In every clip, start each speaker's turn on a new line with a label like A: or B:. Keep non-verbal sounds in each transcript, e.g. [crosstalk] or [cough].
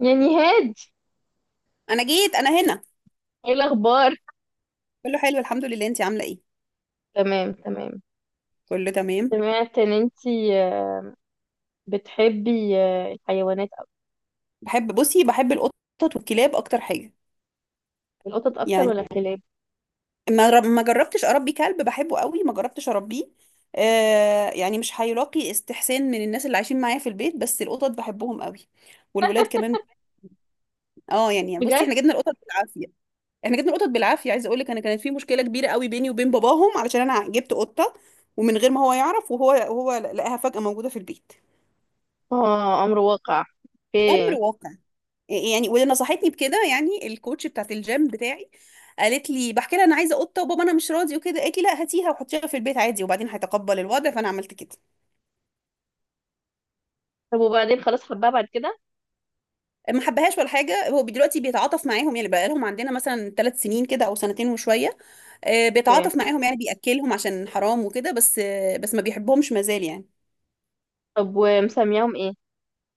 A: يا نهاد،
B: انا جيت. انا هنا.
A: ايه الاخبار؟
B: كله حلو الحمد لله. انتي عامله ايه؟
A: تمام تمام.
B: كله تمام.
A: سمعت ان انتي آه، بتحبي الحيوانات أكتر.
B: بصي، بحب القطط والكلاب اكتر حاجه.
A: القطط اكتر
B: يعني
A: ولا الكلاب؟
B: ما جربتش اربي كلب. بحبه قوي، ما جربتش اربيه. يعني مش هيلاقي استحسان من الناس اللي عايشين معايا في البيت، بس القطط بحبهم قوي والولاد كمان. اه يعني بصي،
A: بجد؟
B: احنا جبنا القطط بالعافيه. عايزه اقول لك انا، كانت في مشكله كبيره قوي بيني وبين باباهم علشان انا جبت قطه، ومن غير ما هو يعرف، وهو لقاها فجاه موجوده في البيت.
A: اه، امر واقع.
B: امر
A: اوكي.
B: واقع. يعني واللي نصحتني بكده يعني الكوتش بتاعت الجيم بتاعي، قالت لي، بحكي لها انا عايزه قطه وبابا انا مش راضي وكده، قالت لي لا هاتيها وحطيها في البيت عادي وبعدين هيتقبل الوضع، فانا عملت كده.
A: طب وبعدين خلاص حبها بعد كده؟
B: ما حبهاش ولا حاجه. هو دلوقتي بيتعاطف معاهم يعني، بقى لهم عندنا مثلا 3 سنين كده او سنتين وشويه.
A: اوكي.
B: بيتعاطف معاهم يعني، بياكلهم عشان حرام وكده، بس ما بيحبهمش مازال يعني.
A: طب ومسمياهم ايه؟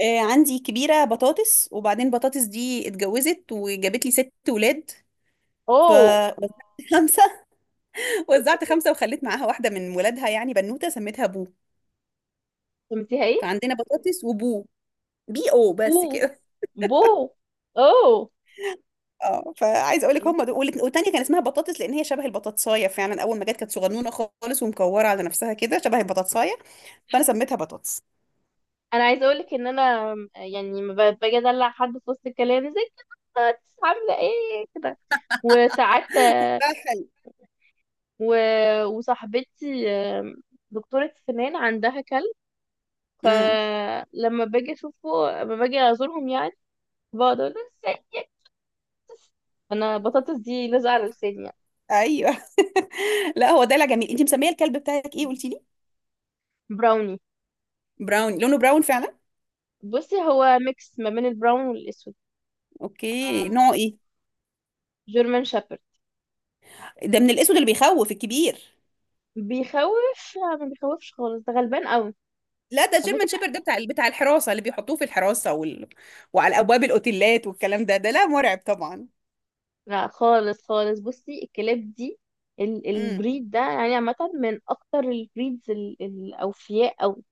B: عندي كبيره، بطاطس، وبعدين بطاطس دي اتجوزت وجابت لي ست ولاد. ف
A: اوه.
B: [laughs] خمسه. وزعت خمسة وخليت معاها واحدة من ولادها، يعني بنوتة سميتها بو.
A: سميتيها ايه؟
B: فعندنا بطاطس وبو. بي او
A: بو؟
B: بس كده.
A: بو؟ اوه.
B: اه فعايزه اقول لك، هم دول. والتانيه كان اسمها بطاطس لان هي شبه البطاطسايه، فعلا اول ما جت كانت صغنونه خالص ومكوره على نفسها كده شبه البطاطسايه، فانا سميتها بطاطس.
A: انا عايزه اقول لك ان انا يعني ما ب- باجي ادلع حد في وسط الكلام زي كده، عامله ايه كده. وساعات
B: بقى حلو.
A: و... وصاحبتي دكتورة سنان عندها كلب،
B: امم.
A: فلما باجي اشوفه، لما باجي ازورهم يعني، بقعد اقول له ازاي، انا بطاطس دي لازقة على لساني يعني.
B: ايوه [laughs] لا هو دلع جميل. انت مسميه الكلب بتاعك ايه قلتي لي؟
A: براوني.
B: براون. لونه براون فعلا.
A: بصي هو ميكس ما بين البراون والاسود.
B: اوكي، نوعه ايه؟
A: جيرمان شابرد.
B: ده من الاسود اللي بيخوف الكبير.
A: بيخوف؟ لا، ما بيخوفش خالص، ده غلبان قوي.
B: لا ده
A: على فكرة،
B: جيرمان شيبرد، ده بتاع الحراسة اللي بيحطوه في الحراسة وعلى أبواب الأوتيلات والكلام ده، ده لا مرعب طبعا.
A: لا خالص خالص. بصي الكلاب دي،
B: امم.
A: البريد ده يعني عامة، من أكتر البريدز الأوفياء أو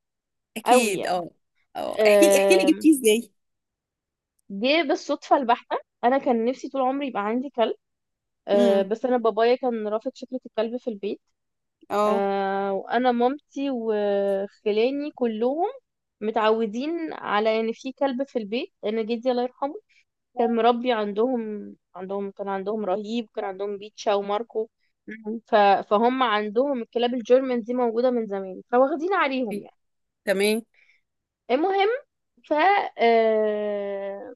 A: أوي.
B: أكيد
A: يعني
B: اه. اه احكي لي، احكي لي جبتيه ازاي.
A: جه بالصدفة البحتة. أنا كان نفسي طول عمري يبقى عندي كلب، أه،
B: امم.
A: بس أنا بابايا كان رافض فكرة الكلب في البيت.
B: اه.
A: أه، وأنا مامتي وخلاني كلهم متعودين على إن في كلب في البيت، لأن جدي الله يرحمه كان مربي عندهم، عندهم كان عندهم رهيب، كان عندهم بيتشا وماركو.
B: مم.
A: ف... فهم عندهم الكلاب الجيرمان دي موجودة من زمان، فواخدين عليهم يعني.
B: تمام.
A: المهم، ف آه،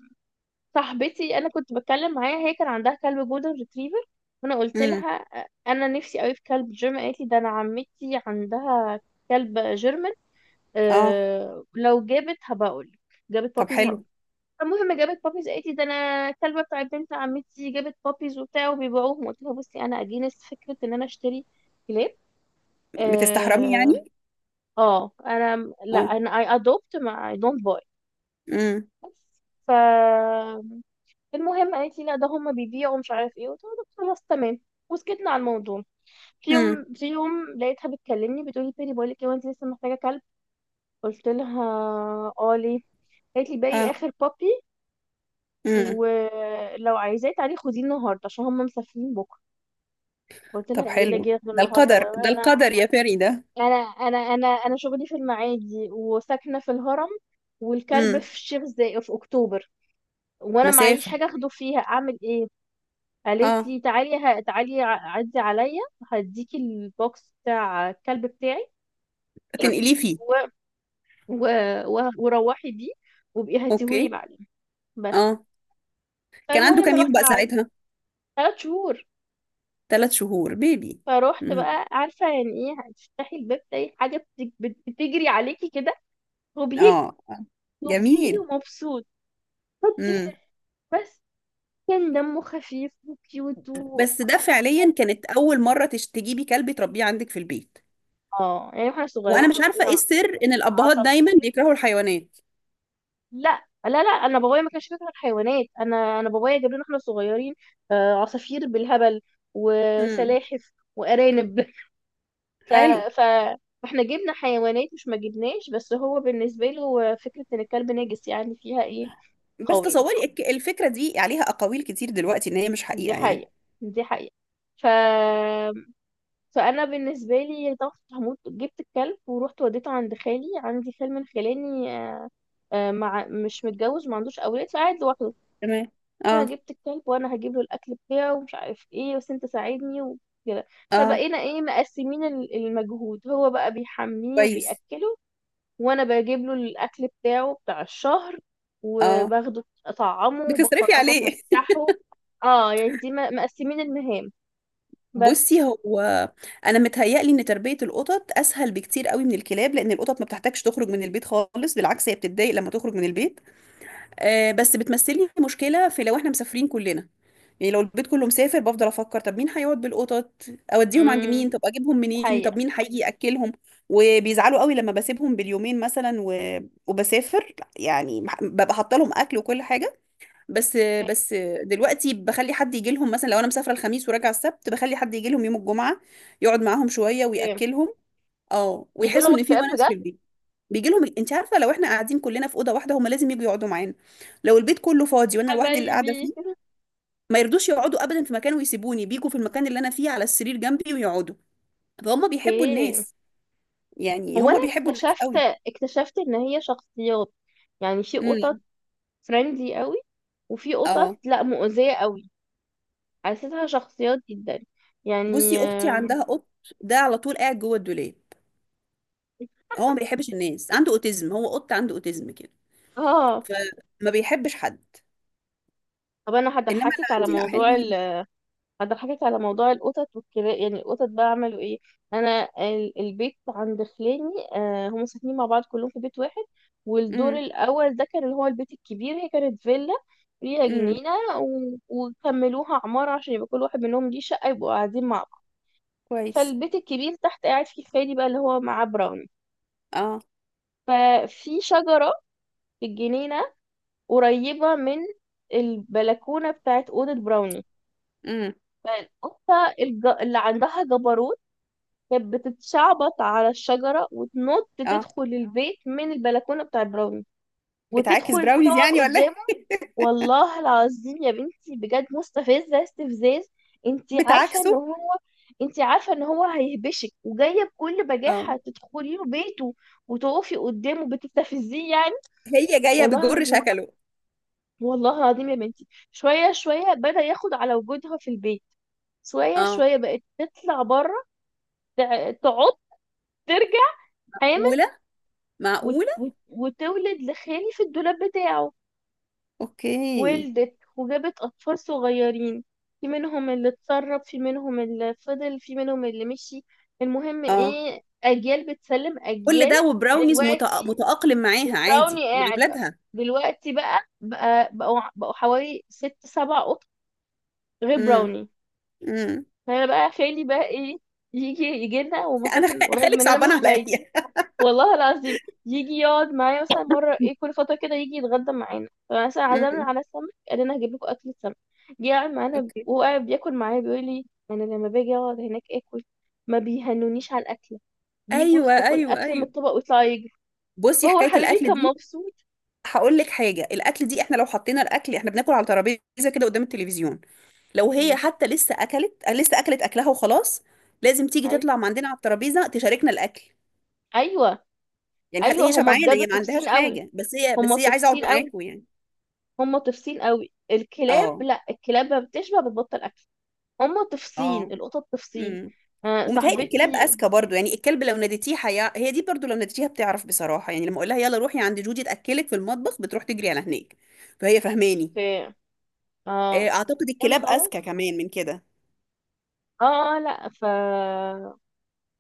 A: صاحبتي انا كنت بتكلم معاها، هي كان عندها كلب جولدن ريتريفر، وانا قلت
B: امم.
A: لها انا نفسي قوي في كلب جيرمان. قالت لي ده انا عمتي عندها كلب جيرمان،
B: اه.
A: أه لو جابت هبقول، جابت
B: طب
A: بابيز
B: حلو.
A: هقول. المهم جابت بابيز، قالت لي ده انا الكلبه بتاع بنت عمتي جابت بابيز وبتاع وبيبيعوهم. قلت لها بصي انا اجينست فكره ان انا اشتري كلاب،
B: بتستحرمي
A: اه.
B: يعني.
A: انا لا،
B: اه.
A: انا اي ادوبت، ما اي دونت باي.
B: امم.
A: بس، ف المهم قالت لي لا ده هم بيبيعوا مش عارف ايه. قلت لها خلاص تمام، وسكتنا على الموضوع. في
B: امم.
A: يوم في يوم لقيتها بتكلمني بتقول لي بيري بقول لك ايه، وانت لسه محتاجه كلب؟ قلت لها اه ليه؟ قالت لي باقي
B: اه.
A: اخر بابي،
B: امم.
A: ولو عايزاه تعالي خديه النهارده عشان هم مسافرين بكره. قلت
B: طب
A: لها ايه اللي
B: حلو،
A: اجي اخده
B: ده
A: النهارده،
B: القدر، ده
A: انا
B: القدر يا فري ده.
A: انا انا شغلي في المعادي وساكنه في الهرم، والكلب
B: امم.
A: في الشيخ زايد في اكتوبر، وانا معيش
B: مسافة.
A: حاجه اخده فيها، اعمل ايه؟ قالت
B: اه.
A: لي تعالي تعالي عدي عليا، هديكي البوكس بتاع الكلب بتاعي
B: تنقليه
A: و...
B: فيه.
A: و... وروحي بيه، وبقي هاتيهولي
B: اوكي.
A: بعدين. بس.
B: اه. كان عنده
A: فالمهم
B: كام يوم
A: رحت
B: بقى
A: على
B: ساعتها؟
A: 3 شهور.
B: 3 شهور. بيبي.
A: فروحت
B: امم.
A: بقى، عارفة يعني ايه هتفتحي الباب تلاقي حاجة بتجري عليكي كده وبيجري،
B: اه.
A: وبيجري
B: جميل.
A: ومبسوط. خطير.
B: امم.
A: بس كان دمه خفيف وكيوت
B: بس ده فعليا كانت اول مره تجيبي كلب تربيه عندك في البيت.
A: اه يعني واحنا
B: وانا
A: صغيرين
B: مش عارفه ايه
A: ربنا،
B: السر ان الابهات دايما
A: عصافير.
B: بيكرهوا الحيوانات.
A: لا لا لا، انا بابايا ما كانش بيكره الحيوانات، انا بابايا جاب لنا احنا صغيرين عصافير بالهبل
B: امم.
A: وسلاحف وارانب [laughs] ف
B: حلو.
A: ف فاحنا جبنا حيوانات، مش ما جبناش، بس هو بالنسبه له فكره ان الكلب نجس يعني فيها ايه،
B: بس
A: قويه.
B: تصوري الفكره دي عليها اقاويل كتير دلوقتي، ان هي مش
A: دي
B: حقيقه يعني.
A: حقيقه، دي حقيقه. ف فانا بالنسبه لي طبعا كنت هموت، جبت الكلب ورحت وديته عند خالي. عندي خال من خلاني مع مش متجوز، ما عندوش اولاد فقاعد لوحده.
B: تمام.
A: انا
B: اه.
A: جبت الكلب وانا هجيب له الاكل بتاعه ومش عارف ايه، بس انت ساعدني وكده.
B: اه.
A: فبقينا ايه مقسمين المجهود، هو بقى بيحميه
B: كويس.
A: وبيأكله، وانا بجيب له الاكل بتاعه بتاع الشهر
B: اه.
A: وباخده اطعمه
B: بتصرفي
A: وبخرجه
B: عليه [laughs]
A: افسحه. اه يعني دي مقسمين المهام. بس.
B: بصي هو، انا متهيألي ان تربيه القطط اسهل بكتير قوي من الكلاب، لان القطط ما بتحتاجش تخرج من البيت خالص، بالعكس هي بتتضايق لما تخرج من البيت. بس بتمثلي مشكلة في لو احنا مسافرين كلنا، يعني لو البيت كله مسافر بفضل افكر، طب مين هيقعد بالقطط، اوديهم عند مين،
A: امم.
B: طب اجيبهم منين، طب
A: حقيقة.
B: مين هيجي ياكلهم. وبيزعلوا قوي لما بسيبهم باليومين مثلا، وبسافر. يعني ببقى حاطه لهم اكل وكل حاجه. بس دلوقتي بخلي حد يجي لهم، مثلا لو انا مسافره الخميس وراجعه السبت، بخلي حد يجي لهم يوم الجمعه، يقعد معاهم شويه
A: ايه،
B: وياكلهم. اه
A: بيجي
B: ويحسوا
A: لهم
B: ان في
A: اكتئاب
B: ونس
A: بجد.
B: في البيت. بيجي لهم انت عارفه، لو احنا قاعدين كلنا في اوضه واحده هما لازم يجوا يقعدوا معانا، لو البيت كله فاضي وانا لوحدي اللي قاعده
A: حبايبي.
B: فيه، ما يرضوش يقعدوا ابدا في مكان ويسيبوني، بيجوا في المكان اللي انا فيه على السرير جنبي ويقعدوا، فهم بيحبوا
A: اوكي.
B: الناس. يعني
A: هو انا
B: هم بيحبوا الناس
A: اكتشفت،
B: قوي.
A: اكتشفت ان هي شخصيات. يعني في قطط
B: امم.
A: فريندلي قوي، وفي
B: اه
A: قطط لا مؤذية قوي. حسيتها شخصيات جدا يعني،
B: بصي اختي عندها قط، ده على طول قاعد جوه الدولاب، هو ما بيحبش الناس، عنده اوتيزم، هو قط عنده اوتيزم كده،
A: اه.
B: فما بيحبش حد.
A: طب انا
B: انما اللي
A: هضحكك على
B: عندي لا
A: موضوع
B: حلوين.
A: هضحكك على موضوع القطط والكلاب. يعني القطط بقى عملوا ايه، انا البيت عند خلاني، آه هم ساكنين مع بعض كلهم في بيت واحد. والدور
B: امم.
A: الاول ده كان اللي هو البيت الكبير، هي كانت فيلا فيها
B: امم.
A: جنينة، و... وكملوها عمارة عشان يبقى كل واحد منهم ليه شقة يبقوا قاعدين مع بعض.
B: كويس.
A: فالبيت الكبير تحت قاعد فيه خالي بقى اللي هو معاه براون.
B: اه.
A: ففي شجرة في الجنينة قريبة من البلكونة بتاعت أوضة براوني.
B: امم.
A: اللي عندها جبروت كانت بتتشعبط على الشجرة وتنط
B: اه
A: تدخل البيت من البلكونة بتاعت براوني،
B: بتعاكس
A: وتدخل
B: براونيز
A: تقعد
B: يعني ولا
A: قدامه.
B: إيه؟
A: والله العظيم يا بنتي بجد مستفزة استفزاز. انتي عارفة ان
B: بتعاكسه.
A: هو، انتي عارفة ان هو هيهبشك، وجاية بكل
B: اه
A: بجاحة تدخلي له بيته وتقفي قدامه بتستفزيه يعني.
B: هي جايه
A: والله
B: بجر
A: العظيم،
B: شكله.
A: والله العظيم يا بنتي. شوية شوية بدأ ياخد على وجودها في البيت. شوية
B: اه.
A: شوية بقت تطلع بره، تعض، ترجع حامل،
B: اولى. معقوله.
A: وتولد لخالي في الدولاب بتاعه.
B: اوكي.
A: ولدت وجابت أطفال صغيرين، في منهم اللي اتسرب، في منهم اللي فضل، في منهم اللي مشي. المهم
B: اه
A: ايه، أجيال بتسلم
B: كل
A: أجيال.
B: ده وبراونيز
A: دلوقتي
B: متأقلم معاها عادي
A: براوني
B: مع
A: قاعدة
B: اولادها.
A: دلوقتي بقى، بقوا حوالي 6 7 قطط غير
B: امم.
A: براوني.
B: امم.
A: فانا بقى، خالي بقى ايه، يجي لنا،
B: انا
A: ومساكن قريب
B: خالك
A: مننا
B: صعبان
A: مش بعيد.
B: عليا.
A: والله العظيم، يجي يقعد معايا مثلا مره، ايه
B: [laughs]
A: كل فتره كده يجي يتغدى معانا. فمثلا عزمنا
B: امم.
A: على السمك، قال لنا هجيب لكم اكل سمك. جه قاعد معانا
B: اوكي.
A: وهو قاعد بياكل معايا بيقول لي انا لما باجي اقعد هناك اكل، ما بيهنونيش على الاكله، بيجوا
B: ايوه
A: يخطفوا
B: ايوه
A: الاكل من
B: ايوه.
A: الطبق ويطلعوا يجري.
B: بصي
A: فهو
B: حكايه
A: حبيبي
B: الاكل
A: كان
B: دي،
A: مبسوط.
B: هقول لك حاجه، الاكل دي احنا لو حطينا الاكل، احنا بناكل على ترابيزه كده قدام التلفزيون، لو هي
A: مم.
B: حتى لسه اكلت، لسه اكلت اكلها وخلاص، لازم تيجي
A: أي-
B: تطلع من عندنا على الترابيزه تشاركنا الاكل،
A: ايوه
B: يعني حتى
A: ايوه،
B: هي
A: هما
B: شبعانه،
A: بجد
B: هي ما عندهاش
A: طفسين قوي،
B: حاجه، بس هي،
A: هما
B: بس هي عايزه
A: طفسين
B: اقعد
A: قوي،
B: معاكم يعني.
A: هم طفسين قوي. الكلاب
B: اه.
A: لا، الكلاب ما بتشبع، بتبطل اكل. هم طفسين
B: اه.
A: القطط طفسين.
B: امم.
A: آه،
B: ومتهيألي الكلاب
A: صاحبتي.
B: اذكى برضو، يعني الكلب لو ناديتيه هي دي برضو لو ناديتيها بتعرف بصراحه، يعني لما اقول لها يلا روحي عند جودي تاكلك في المطبخ بتروح تجري على هناك، فهي فهماني.
A: في، اه
B: اعتقد
A: لما
B: الكلاب اذكى
A: خلاص،
B: كمان من كده.
A: اه لا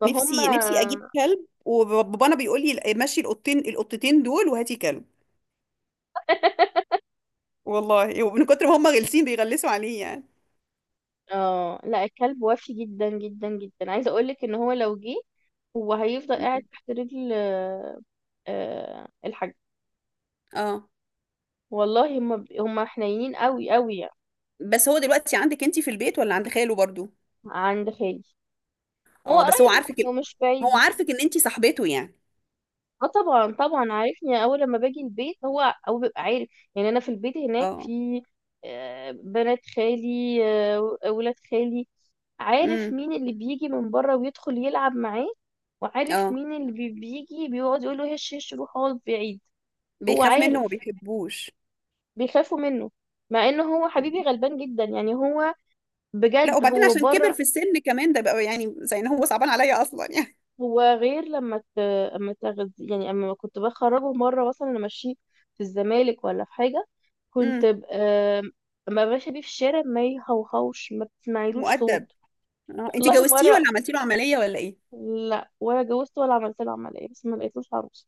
A: فهم،
B: نفسي نفسي اجيب كلب، وبابانا بيقول لي مشي القطتين دول وهاتي كلب، والله ومن كتر ما هم غلسين بيغلسوا عليه يعني.
A: اه. لا، الكلب وفي جدا جدا جدا، عايزه اقول لك ان هو لو جه، هو هيفضل قاعد
B: مم.
A: تحت رجل الحاج.
B: اه
A: والله هم هم حنينين قوي قوي يعني.
B: بس هو دلوقتي عندك انتي في البيت ولا عند خاله برضو؟
A: عند خالي، هو
B: اه بس هو
A: قريب
B: عارفك
A: ومش
B: هو
A: بعيد.
B: عارفك ان انتي صاحبته يعني.
A: اه طبعا طبعا، عارفني. اول لما باجي البيت هو هو بيبقى عارف. يعني انا في البيت هناك
B: اه.
A: في بنات خالي، ولاد خالي. عارف
B: امم.
A: مين اللي بيجي من بره ويدخل يلعب معاه، وعارف
B: اه
A: مين اللي بيجي بيقعد يقول له هش هش، روح اقعد بعيد. هو
B: بيخاف منه وما
A: عارف،
B: بيحبوش.
A: بيخافوا منه، مع انه هو حبيبي غلبان جدا يعني. هو
B: لا
A: بجد
B: وبعدين
A: هو
B: عشان كبر
A: بره.
B: في السن كمان ده، بقى يعني زي ان هو صعبان عليا اصلا يعني.
A: هو غير لما ت... اما تغذي يعني، اما كنت بخرجه مره، مثلا انا ماشيه في الزمالك ولا في حاجه، كنت
B: امم.
A: ب... آم، اما ماشيه بيه في الشارع، ما يهوهوش، ما بتسمعيلوش
B: مؤدب.
A: صوت.
B: اه انتي
A: والله
B: جوزتيه
A: مره،
B: ولا عملتي له عملية ولا ايه؟
A: لا ولا جوزت ولا عملت له عمليه، بس ما لقيتلوش عروسه.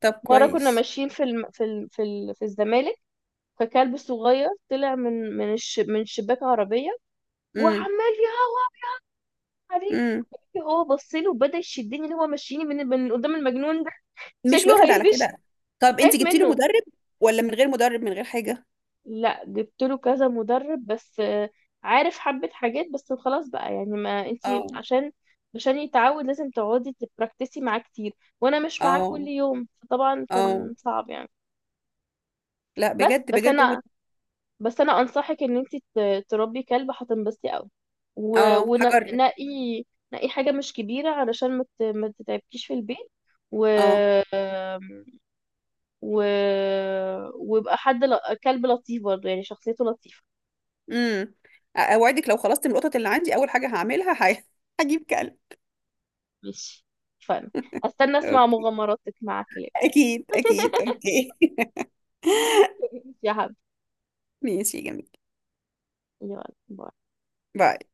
B: طب
A: مره كنا
B: كويس.
A: ماشيين في الم... في ال... في ال... في الزمالك، فكلب صغير طلع من شباك عربيه، وعمال
B: امم.
A: يهوه عليه.
B: امم.
A: هو بص له وبدا يشدني اللي هو مشيني من من قدام المجنون ده،
B: مش
A: شكله
B: واخد على
A: هيدش،
B: كده. طب انتي
A: خايف
B: جبتي له
A: منه.
B: مدرب ولا من غير مدرب، من غير حاجة.
A: لا جبت له كذا مدرب، بس عارف حبة حاجات، بس خلاص بقى يعني. ما انتي
B: اه.
A: عشان، عشان يتعود لازم تقعدي تبراكتسي معاه كتير، وانا مش معاه كل
B: اه.
A: يوم، فطبعا
B: اه
A: كان صعب يعني.
B: لا
A: بس
B: بجد
A: بس
B: بجد هو.
A: انا بس انا انصحك ان انتي تربي كلب، هتنبسطي قوي.
B: اه
A: ونقي،
B: هجرب.
A: نقي حاجة مش كبيرة علشان ما تتعبكيش في البيت، و
B: اه.
A: و ويبقى حد كلب لطيف برضه، يعني شخصيته لطيفة.
B: امم. اوعدك لو خلصت من القطط اللي عندي، اول حاجه هعملها [laughs] هجيب كلب.
A: ماشي. فن، هستنى اسمع
B: أوكي.
A: مغامراتك مع كلاب.
B: اكيد اكيد
A: [laughs]
B: اوكي.
A: يا حبيبي،
B: [laughs] ماشي يا جميل.
A: يلا، باي.
B: باي